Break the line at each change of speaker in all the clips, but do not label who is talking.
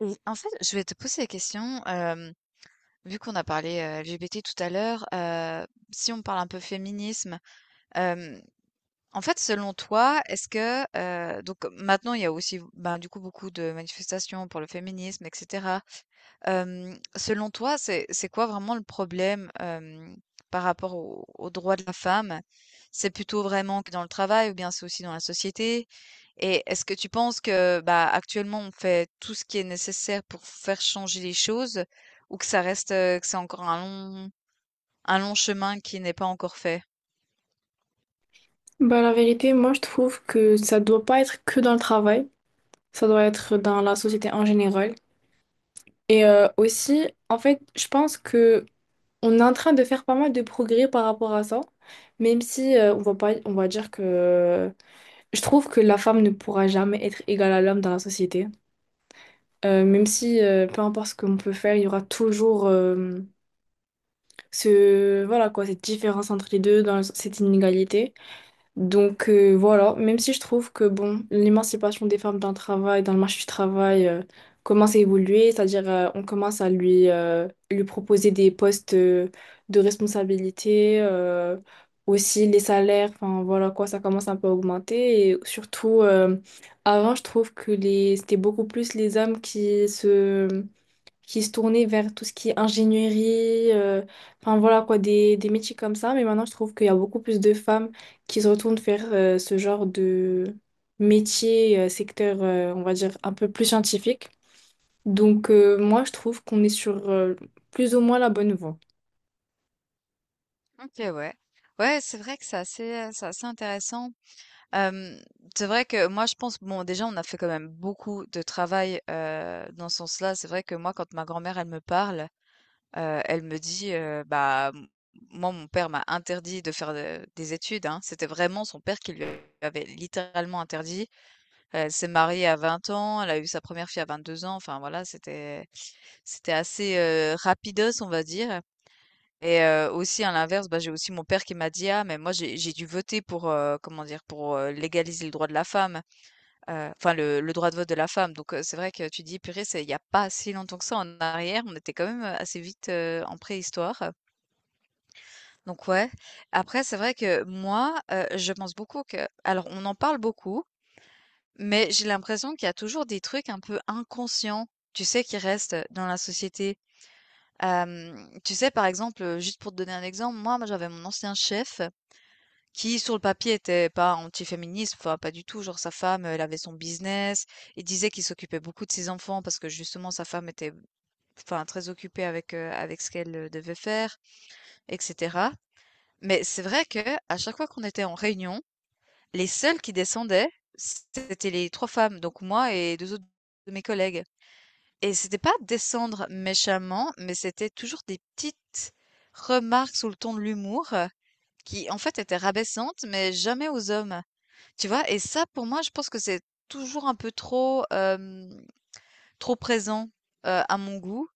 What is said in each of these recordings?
Et en fait, je vais te poser la question, vu qu'on a parlé, LGBT tout à l'heure. Si on parle un peu féminisme, hem, en fait, selon toi, est-ce que, donc maintenant il y a aussi, ben, du coup, beaucoup de manifestations pour le féminisme et cetera. Selon toi, c'est quoi vraiment le problème, par rapport aux droits de la femme? C'est plutôt vraiment que dans le travail ou bien c'est aussi dans la société? Et est-ce que tu penses que, bah, actuellement, on fait tout ce qui est nécessaire pour faire changer les choses ou que ça reste, que c'est encore un long chemin qui n'est pas encore fait?
Bah, la vérité, moi je trouve que ça doit pas être que dans le travail, ça doit être dans la société en général. Et aussi, en fait, je pense que on est en train de faire pas mal de progrès par rapport à ça, même si on va pas, on va dire que je trouve que la femme ne pourra jamais être égale à l'homme dans la société. Même si peu importe ce qu'on peut faire, il y aura toujours ce voilà quoi, cette différence entre les deux dans cette inégalité. Donc voilà, même si je trouve que bon, l'émancipation des femmes dans le travail, dans le marché du travail, commence à évoluer, c'est-à-dire on commence à lui, lui proposer des postes de responsabilité, aussi les salaires, enfin voilà quoi, ça commence un peu à augmenter. Et surtout, avant, je trouve que c'était beaucoup plus les hommes qui se tournaient vers tout ce qui est ingénierie, enfin voilà quoi, des métiers comme ça. Mais maintenant, je trouve qu'il y a beaucoup plus de femmes qui se retournent vers ce genre de métier, secteur, on va dire, un peu plus scientifique. Donc moi, je trouve qu'on est sur plus ou moins la bonne voie.
OK, ouais. Ouais, c'est vrai que c'est assez intéressant. Euh, c'est vrai que moi, je pense, bon, déjà, on a fait quand même beaucoup de travail dans ce sens-là. C'est vrai que moi, quand ma grand-mère, elle me parle, elle me dit, «Bah, m moi, mon père m'a interdit de faire, des études», hein. C'était vraiment son père qui lui avait littéralement interdit. Elle s'est mariée à 20 ans, elle a eu sa première fille à 22 ans, enfin voilà, c'était assez, rapidos, on va dire, et aussi à l'inverse, bah, j'ai aussi mon père qui m'a dit: «Ah mais moi j'ai dû voter pour, comment dire? Pour, légaliser le droit de la femme, enfin le droit de vote de la femme», donc c'est vrai que tu dis: «Purée, c'est il y a pas si longtemps que ça en arrière», on était quand même, assez vite, en préhistoire. Donc ouais. Après, c'est vrai que moi, je pense beaucoup que alors on en parle beaucoup, mais j'ai l'impression qu'il y a toujours des trucs un peu inconscients, tu sais, qui restent dans la société. Tu sais, par exemple, juste pour te donner un exemple, moi j'avais mon ancien chef qui, sur le papier, était pas anti-féministe, enfin pas du tout, genre sa femme, elle avait son business. Il disait qu'il s'occupait beaucoup de ses enfants parce que justement sa femme était, enfin, très occupée avec, avec ce qu'elle, devait faire etc. Mais c'est vrai que à chaque fois qu'on était en réunion, les seules qui descendaient, c'était les 3 femmes, donc moi et 2 autres de mes collègues. Et c'était pas descendre méchamment, mais c'était toujours des petites remarques sous le ton de l'humour, qui en fait étaient rabaissantes, mais jamais aux hommes. Tu vois? Et ça pour moi, je pense que c'est toujours un peu trop, hem trop présent, à mon goût,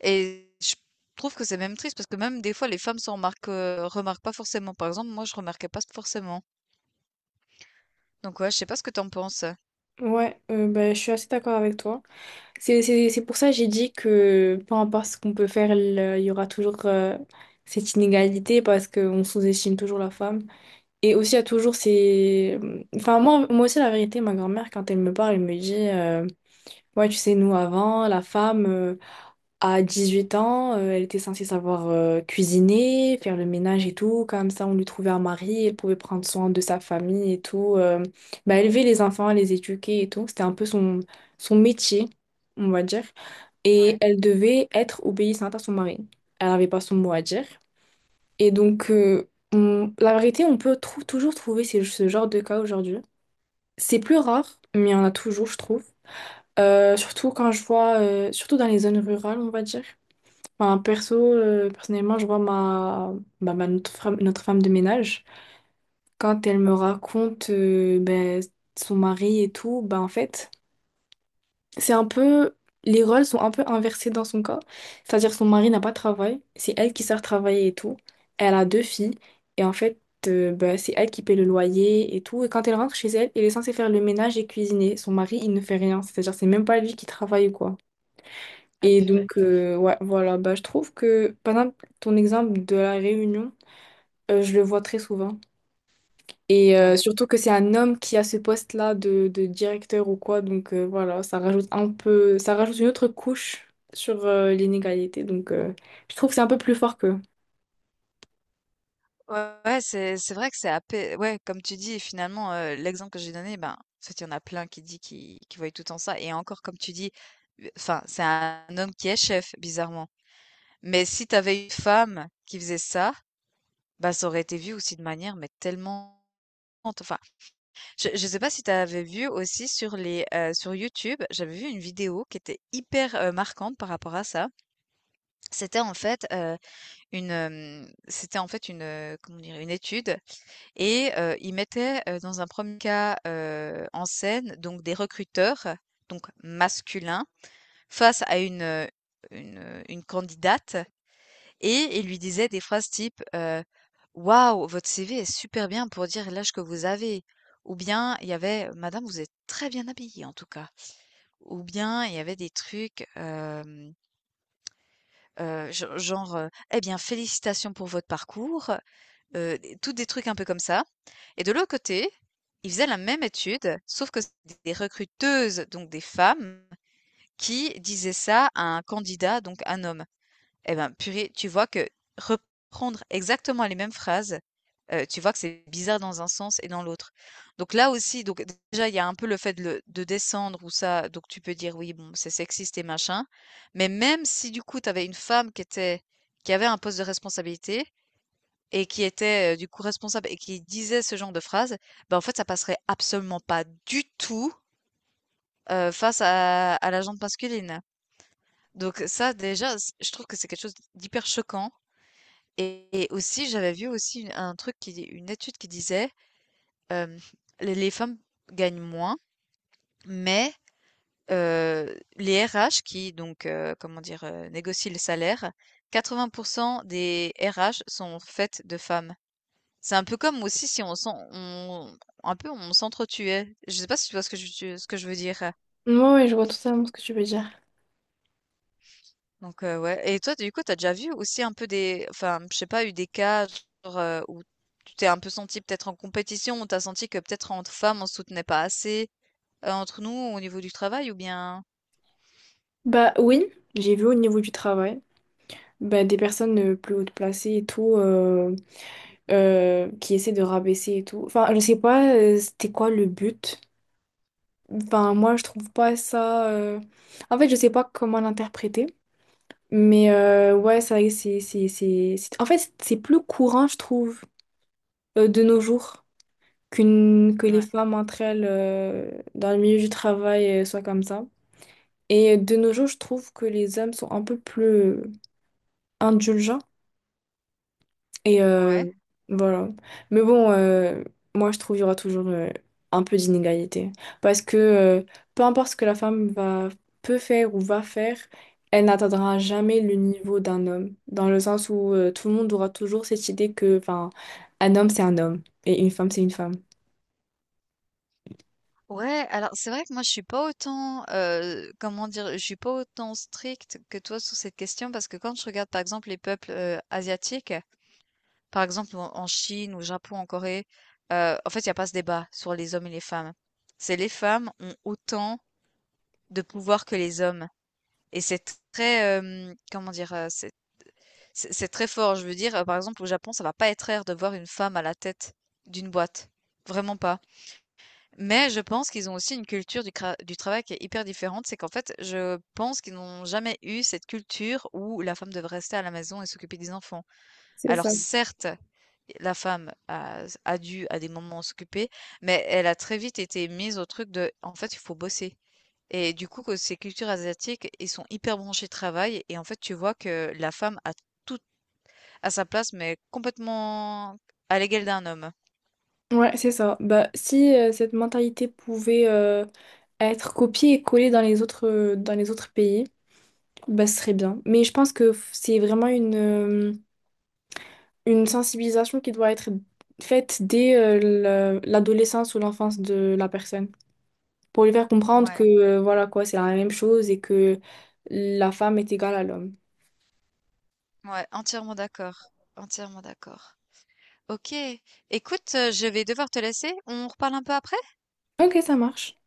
et je trouve que c'est même triste parce que même des fois les femmes remarquent pas forcément. Par exemple, moi je remarquais pas forcément. Donc ouais, je sais pas ce que t'en penses?
Ouais, bah, je suis assez d'accord avec toi. C'est pour ça que j'ai dit que peu importe ce qu'on peut faire, il y aura toujours cette inégalité parce qu'on sous-estime toujours la femme. Et aussi, il y a toujours ces... Enfin, moi aussi, la vérité, ma grand-mère, quand elle me parle, elle me dit, ouais, tu sais, nous, avant, la femme, à 8 ans, elle était censée savoir cuisiner, faire le ménage et tout. Comme ça, on lui trouvait un mari, elle pouvait prendre soin de sa famille et tout. Bah, élever les enfants, les éduquer et tout. C'était un peu son, son métier, on va dire. Et
Ouais.
elle devait être obéissante à son mari. Elle n'avait pas son mot à dire. Et donc, la vérité, on peut toujours trouver ce genre de cas aujourd'hui. C'est plus rare, mais il y en a toujours, je trouve. Surtout quand je vois, surtout dans les zones rurales, on va dire. Enfin, perso, personnellement, je vois bah, notre femme de ménage, quand elle me raconte ben, son mari et tout, bah en fait. C'est un peu, les rôles sont un peu inversés dans son cas. C'est-à-dire son mari n'a pas de travail, c'est elle qui sort travailler et tout. Elle a 2 filles et en fait, bah, c'est elle qui paie le loyer et tout. Et quand elle rentre chez elle, elle est censée faire le ménage et cuisiner. Son mari, il ne fait rien. C'est-à-dire, c'est même pas lui qui travaille ou quoi.
Ah
Et
purée.
donc, euh, ouais, voilà, bah, je trouve que, par exemple, ton exemple de la Réunion, je le vois très souvent. Et
Ouais,
surtout que c'est un homme qui a ce poste-là de directeur ou quoi, donc voilà, ça rajoute un peu, ça rajoute une autre couche sur l'inégalité, donc je trouve que c'est un peu plus fort qu'eux.
ouais, ouais, c'est vrai que c'est apé ouais, comme tu dis, finalement, l'exemple que j'ai donné, ben, en fait, il y en a plein qui dit qui voient tout en ça. Et encore, comme tu dis, enfin, c'est un homme qui est chef, bizarrement. Mais si t'avais une femme qui faisait ça, bah, ça aurait été vu aussi de manière, mais tellement, enfin, je ne sais pas si tu avais vu aussi sur les, sur YouTube, j'avais vu une vidéo qui était hyper, marquante par rapport à ça. C'était en fait, c'était en fait une, comment dire? Une étude, et ils mettaient, dans un premier cas, en scène donc des recruteurs, donc masculins, face à une candidate, et il lui disait des phrases type, «Waouh, votre CV est super bien pour dire l'âge que vous avez», ou bien il y avait: «Madame, vous êtes très bien habillée en tout cas», ou bien il y avait des trucs, hem, gen genre, «Eh bien félicitations pour votre parcours», des tous des trucs un peu comme ça, et de l'autre côté, ils faisaient la même étude, sauf que c'était des recruteuses, donc des femmes, qui disaient ça à un candidat, donc un homme. Eh ben, purée, tu vois que reprendre exactement les mêmes phrases, tu vois que c'est bizarre dans un sens et dans l'autre. Donc là aussi, donc déjà, il y a un peu le fait de le de descendre ou ça, donc tu peux dire: «Oui, bon, c'est sexiste et machin». Mais même si du coup, tu avais une femme qui avait un poste de responsabilité et qui était, du coup responsable et qui disait ce genre de phrase, ben en fait, ça passerait absolument pas du tout, face à la gente masculine. Donc ça, déjà, c je trouve que c'est quelque chose d'hyper choquant. Et aussi, j'avais vu aussi une étude qui disait, hem, les femmes gagnent moins, mais, les RH qui donc, comment dire? Négocient les salaires, 80% des RH sont faites de femmes. C'est un peu comme aussi si on s'en on un peu on s'entretuait. Je sais pas si tu vois ce que je veux dire?
Moi, ouais, ouais, je vois totalement ce que tu veux dire.
Donc ouais, et toi, du coup, t'as déjà vu aussi un peu des je sais pas, eu des cas genre, où tu t'es un peu senti peut-être en compétition, où tu senti que peut-être entre femmes, on se soutenait pas assez, entre nous, au niveau du travail ou bien?
Bah oui, j'ai vu au niveau du travail, bah, des personnes plus hautes placées et tout, qui essaient de rabaisser et tout. Enfin, je sais pas, c'était quoi le but? Enfin, moi, je trouve pas ça. En fait, je sais pas comment l'interpréter. Mais ouais, c'est vrai que en fait, c'est plus courant, je trouve, de nos jours, que les
Ouais.
femmes entre elles, dans le milieu du travail, soient comme ça. Et de nos jours, je trouve que les hommes sont un peu plus indulgents. Et
Ouais.
euh, voilà. Mais bon, moi, je trouve qu'il y aura toujours un peu d'inégalité. Parce que peu importe ce que la femme peut faire ou va faire, elle n'atteindra jamais le niveau d'un homme. Dans le sens où tout le monde aura toujours cette idée que, enfin, un homme, c'est un homme. Et une femme.
Ouais, alors c'est vrai que moi, je suis pas autant, comment dire? Je suis pas autant stricte que toi sur cette question parce que quand je regarde, par exemple, les peuples, asiatiques, par exemple, en Chine, au Japon, en Corée, en fait, il y a pas ce débat sur les hommes et les femmes. C'est les femmes ont autant de pouvoir que les hommes. Et c'est très, comment dire, c'est très fort. Je veux dire, par exemple, au Japon, ça va pas être rare de voir une femme à la tête d'une boîte. Vraiment pas. Mais je pense qu'ils ont aussi une culture du travail qui est hyper différente. C'est qu'en fait, je pense qu'ils n'ont jamais eu cette culture où la femme devrait rester à la maison et s'occuper des enfants.
C'est
Alors
ça.
certes, la femme a dû à des moments s'occuper, mais elle a très vite été mise au truc de: «En fait, il faut bosser», et du coup que ces cultures asiatiques, ils sont hyper branchés travail, et en fait, tu vois que la femme a tout à sa place, mais complètement à l'égal d'un homme.
Ouais, c'est ça. Bah, si cette mentalité pouvait être copiée et collée dans les autres pays, bah, ce serait bien. Mais je pense que c'est vraiment une sensibilisation qui doit être faite dès l'adolescence ou l'enfance de la personne pour lui faire comprendre que
Ouais.
voilà quoi, c'est la même chose et que la femme est égale à l'homme.
Ouais, entièrement d'accord, entièrement d'accord. OK, écoute, je vais devoir te laisser, on reparle un peu après?
Ok, ça marche.